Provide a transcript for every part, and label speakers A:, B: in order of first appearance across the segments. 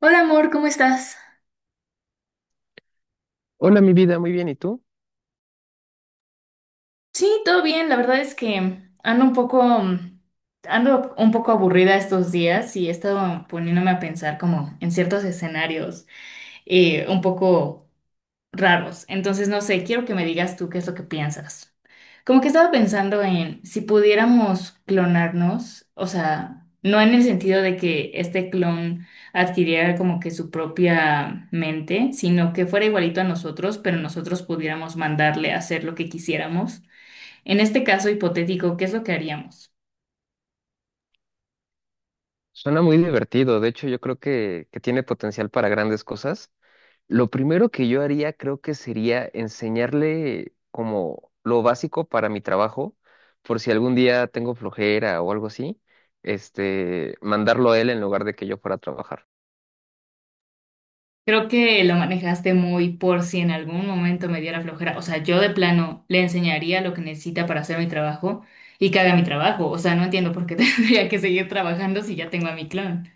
A: Hola amor, ¿cómo estás?
B: Hola, mi vida, muy bien. ¿Y tú?
A: Sí, todo bien. La verdad es que ando un poco, ando un poco aburrida estos días y he estado poniéndome a pensar como en ciertos escenarios un poco raros. Entonces, no sé, quiero que me digas tú qué es lo que piensas. Como que estaba pensando en si pudiéramos clonarnos, o sea, no en el sentido de que este clon adquiriera como que su propia mente, sino que fuera igualito a nosotros, pero nosotros pudiéramos mandarle a hacer lo que quisiéramos. En este caso hipotético, ¿qué es lo que haríamos?
B: Suena muy divertido. De hecho, yo creo que tiene potencial para grandes cosas. Lo primero que yo haría, creo que sería enseñarle como lo básico para mi trabajo, por si algún día tengo flojera o algo así, mandarlo a él en lugar de que yo fuera a trabajar.
A: Creo que lo manejaste muy por si en algún momento me diera flojera. O sea, yo de plano le enseñaría lo que necesita para hacer mi trabajo y que haga mi trabajo. O sea, no entiendo por qué tendría que seguir trabajando si ya tengo a mi clon.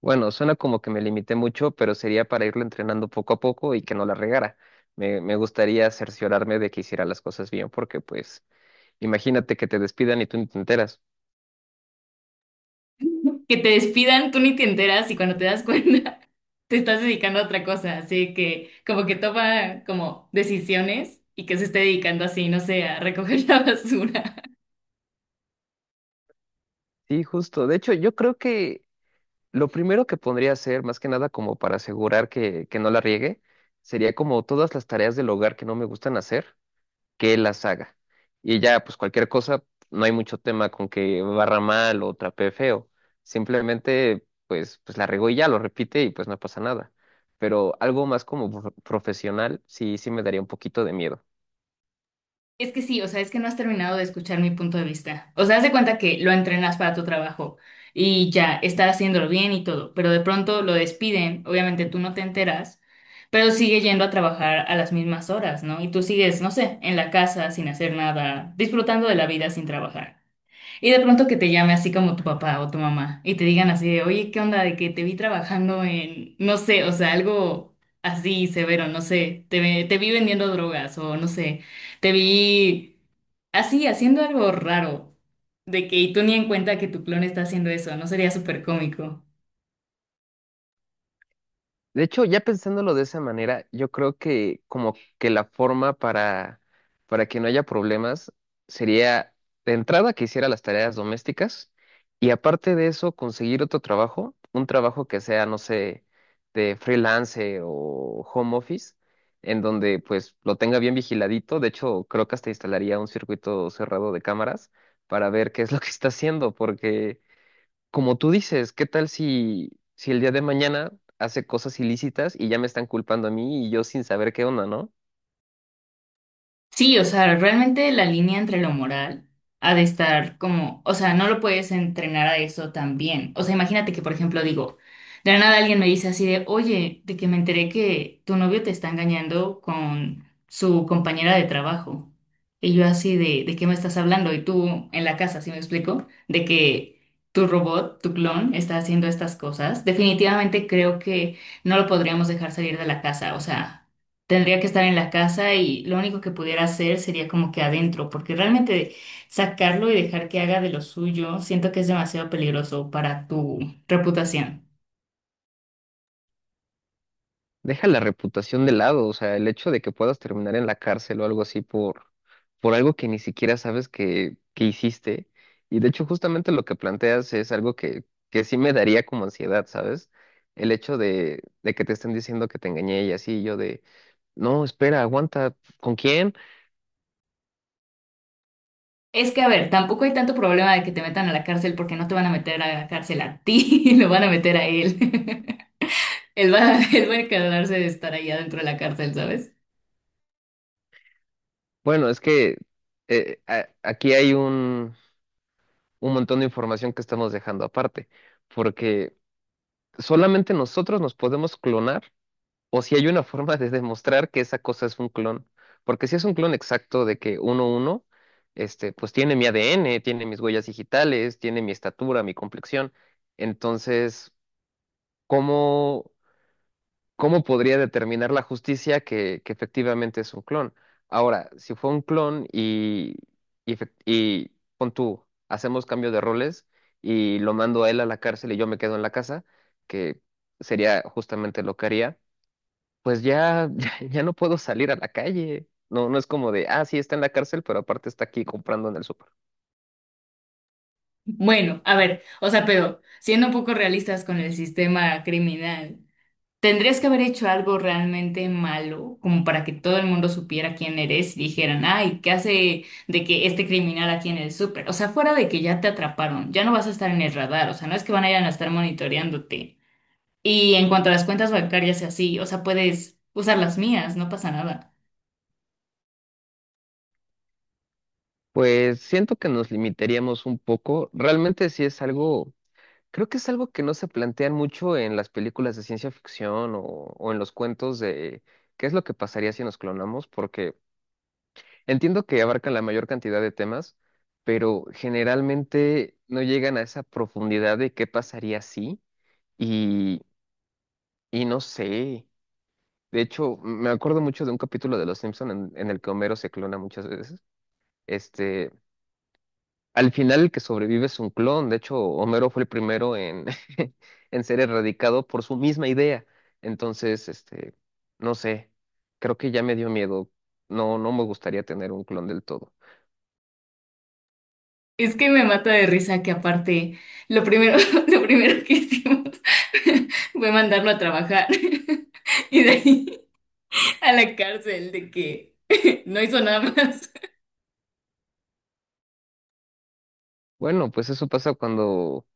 B: Bueno, suena como que me limité mucho, pero sería para irlo entrenando poco a poco y que no la regara. Me gustaría cerciorarme de que hiciera las cosas bien, porque pues imagínate que te despidan y tú ni te enteras.
A: Que te despidan, tú ni te enteras y cuando te das cuenta te estás dedicando a otra cosa. Así que como que toma como decisiones y que se esté dedicando así, no sé, a recoger la basura.
B: Sí, justo. De hecho, yo creo que lo primero que podría hacer, más que nada como para asegurar que no la riegue, sería como todas las tareas del hogar que no me gustan hacer, que él las haga. Y ya, pues cualquier cosa, no hay mucho tema con que barra mal o trapee feo. Simplemente, pues la regó y ya lo repite y pues no pasa nada. Pero algo más como profesional, sí, sí me daría un poquito de miedo.
A: Es que sí, o sea, es que no has terminado de escuchar mi punto de vista. O sea, haz de cuenta que lo entrenas para tu trabajo y ya está haciéndolo bien y todo, pero de pronto lo despiden, obviamente tú no te enteras, pero sigue yendo a trabajar a las mismas horas, ¿no? Y tú sigues, no sé, en la casa sin hacer nada, disfrutando de la vida sin trabajar. Y de pronto que te llame así como tu papá o tu mamá y te digan así de, oye, ¿qué onda? De que te vi trabajando en, no sé, o sea, algo así severo, no sé, te vi vendiendo drogas o no sé, te vi así haciendo algo raro, de que y tú ni en cuenta que tu clon está haciendo eso, ¿no sería súper cómico?
B: De hecho, ya pensándolo de esa manera, yo creo que como que la forma para que no haya problemas sería de entrada que hiciera las tareas domésticas y aparte de eso conseguir otro trabajo, un trabajo que sea, no sé, de freelance o home office, en donde pues lo tenga bien vigiladito. De hecho, creo que hasta instalaría un circuito cerrado de cámaras para ver qué es lo que está haciendo, porque como tú dices, ¿qué tal si el día de mañana hace cosas ilícitas y ya me están culpando a mí y yo sin saber qué onda? ¿No?
A: Sí, o sea, realmente la línea entre lo moral ha de estar como, o sea, no lo puedes entrenar a eso también. O sea, imagínate que, por ejemplo, digo, de la nada alguien me dice así de, oye, de que me enteré que tu novio te está engañando con su compañera de trabajo. Y yo así ¿de qué me estás hablando? Y tú en la casa, ¿sí me explico? De que tu robot, tu clon, está haciendo estas cosas. Definitivamente creo que no lo podríamos dejar salir de la casa, o sea. Tendría que estar en la casa y lo único que pudiera hacer sería como que adentro, porque realmente sacarlo y dejar que haga de lo suyo, siento que es demasiado peligroso para tu reputación.
B: Deja la reputación de lado, o sea, el hecho de que puedas terminar en la cárcel o algo así por algo que ni siquiera sabes que hiciste. Y de hecho, justamente lo que planteas es algo que sí me daría como ansiedad, ¿sabes? El hecho de que te estén diciendo que te engañé y así, yo de, no, espera, aguanta, ¿con quién?
A: Es que, a ver, tampoco hay tanto problema de que te metan a la cárcel porque no te van a meter a la cárcel a ti, lo van a meter a él. Él va a encargarse de estar allá dentro de la cárcel, ¿sabes?
B: Bueno, es que aquí hay un montón de información que estamos dejando aparte, porque solamente nosotros nos podemos clonar o si hay una forma de demostrar que esa cosa es un clon, porque si es un clon exacto de que uno uno, pues tiene mi ADN, tiene mis huellas digitales, tiene mi estatura, mi complexión, entonces, ¿cómo? ¿Cómo podría determinar la justicia que efectivamente es un clon? Ahora, si fue un clon y pon tú, hacemos cambio de roles y lo mando a él a la cárcel y yo me quedo en la casa, que sería justamente lo que haría, pues ya, ya, ya no puedo salir a la calle. No, no es como de, ah, sí, está en la cárcel, pero aparte está aquí comprando en el súper.
A: Bueno, a ver, o sea, pero siendo un poco realistas con el sistema criminal. Tendrías que haber hecho algo realmente malo, como para que todo el mundo supiera quién eres y dijeran, ay, ¿qué hace de que este criminal aquí en el súper? O sea, fuera de que ya te atraparon, ya no vas a estar en el radar, o sea, no es que van a ir a estar monitoreándote. Y en cuanto a las cuentas bancarias y así, o sea, puedes usar las mías, no pasa nada.
B: Pues siento que nos limitaríamos un poco. Realmente sí es algo. Creo que es algo que no se plantean mucho en las películas de ciencia ficción o en los cuentos de qué es lo que pasaría si nos clonamos, porque entiendo que abarcan la mayor cantidad de temas, pero generalmente no llegan a esa profundidad de qué pasaría si y, y no sé. De hecho, me acuerdo mucho de un capítulo de Los Simpson en el que Homero se clona muchas veces. Este, Al final el que sobrevive es un clon. De hecho, Homero fue el primero en, en ser erradicado por su misma idea. Entonces, no sé, creo que ya me dio miedo. No, no me gustaría tener un clon del todo.
A: Es que me mata de risa que aparte, lo primero, lo primero que hicimos fue mandarlo a trabajar y de ahí a la cárcel de que no hizo nada más.
B: Bueno, pues eso pasa cuando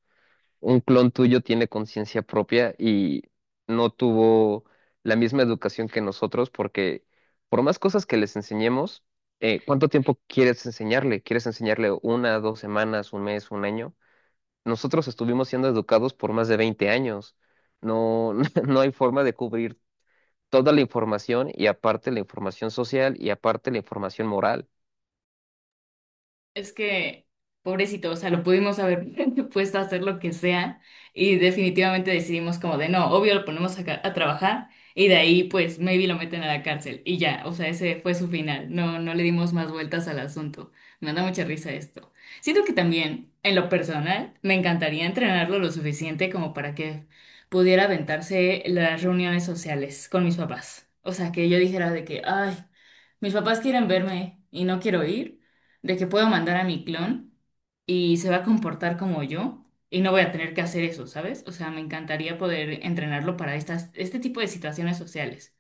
B: un clon tuyo tiene conciencia propia y no tuvo la misma educación que nosotros, porque por más cosas que les enseñemos, ¿cuánto tiempo quieres enseñarle? ¿Quieres enseñarle una, 2 semanas, un mes, un año? Nosotros estuvimos siendo educados por más de 20 años. No, no hay forma de cubrir toda la información y aparte la información social y aparte la información moral.
A: Es que, pobrecito, o sea, lo pudimos haber puesto a hacer lo que sea y definitivamente decidimos como de no, obvio lo ponemos a, a trabajar y de ahí pues maybe lo meten a la cárcel y ya, o sea, ese fue su final, no, no le dimos más vueltas al asunto. Me da mucha risa esto. Siento que también, en lo personal, me encantaría entrenarlo lo suficiente como para que pudiera aventarse las reuniones sociales con mis papás. O sea, que yo dijera de que, ay, mis papás quieren verme y no quiero ir de que puedo mandar a mi clon y se va a comportar como yo y no voy a tener que hacer eso, ¿sabes? O sea, me encantaría poder entrenarlo para este tipo de situaciones sociales.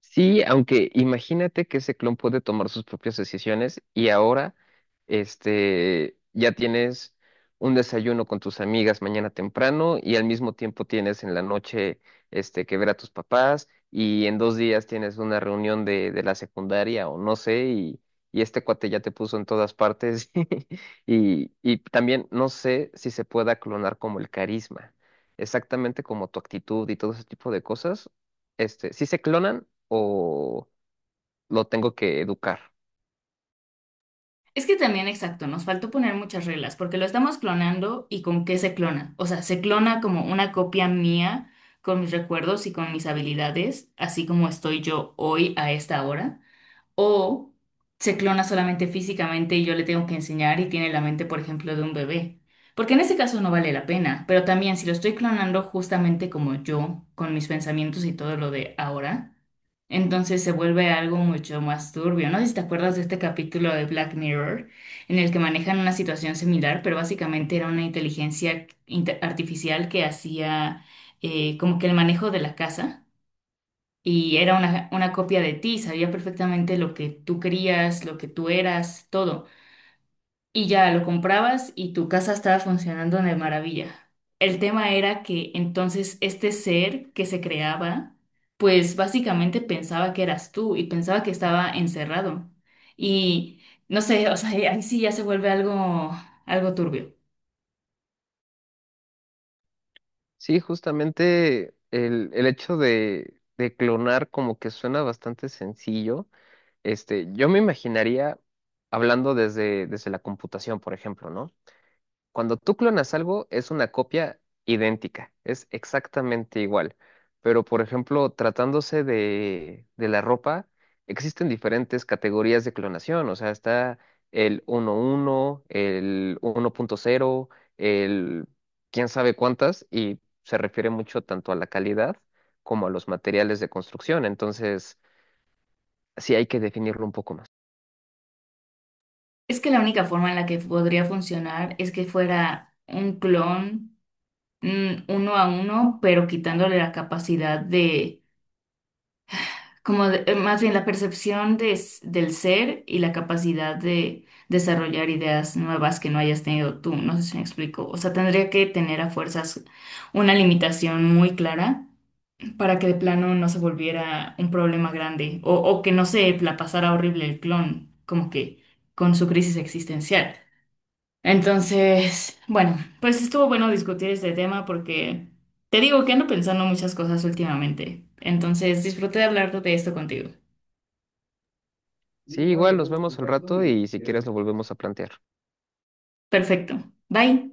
B: Sí, aunque imagínate que ese clon puede tomar sus propias decisiones y ahora, ya tienes un desayuno con tus amigas mañana temprano y al mismo tiempo tienes en la noche, que ver a tus papás y en 2 días tienes una reunión de la secundaria o no sé y este cuate ya te puso en todas partes y también no sé si se pueda clonar como el carisma, exactamente como tu actitud y todo ese tipo de cosas si se clonan o ¿lo tengo que educar?
A: Es que también, exacto, nos faltó poner muchas reglas, porque lo estamos clonando y con qué se clona. O sea, se clona como una copia mía con mis recuerdos y con mis habilidades, así como estoy yo hoy a esta hora. O se clona solamente físicamente y yo le tengo que enseñar y tiene la mente, por ejemplo, de un bebé. Porque en ese caso no vale la pena, pero también si lo estoy clonando justamente como yo, con mis pensamientos y todo lo de ahora, entonces se vuelve algo mucho más turbio. No sé si te acuerdas de este capítulo de Black Mirror, en el que manejan una situación similar, pero básicamente era una inteligencia artificial que hacía como que el manejo de la casa y era una copia de ti, sabía perfectamente lo que tú querías, lo que tú eras, todo. Y ya lo comprabas y tu casa estaba funcionando de maravilla. El tema era que entonces este ser que se creaba, pues básicamente pensaba que eras tú y pensaba que estaba encerrado. Y no sé, o sea, ahí sí ya se vuelve algo turbio.
B: Sí, justamente el hecho de clonar como que suena bastante sencillo. Yo me imaginaría hablando desde la computación, por ejemplo, ¿no? Cuando tú clonas algo, es una copia idéntica, es exactamente igual. Pero, por ejemplo, tratándose de la ropa, existen diferentes categorías de clonación. O sea, está el 1.1, el 1.0, el quién sabe cuántas, y se refiere mucho tanto a la calidad como a los materiales de construcción. Entonces, sí hay que definirlo un poco más.
A: Es que la única forma en la que podría funcionar es que fuera un clon uno a uno, pero quitándole la capacidad de, más bien la percepción de del ser y la capacidad de desarrollar ideas nuevas que no hayas tenido tú. No sé si me explico. O sea, tendría que tener a fuerzas una limitación muy clara para que de plano no se volviera un problema grande o que no se la pasara horrible el clon, como que con su crisis existencial. Entonces, bueno, pues estuvo bueno discutir este tema porque te digo que ando pensando muchas cosas últimamente. Entonces, disfruté de hablar de esto contigo.
B: Sí, igual nos vemos al rato y si quieres lo volvemos a plantear.
A: Perfecto. Bye.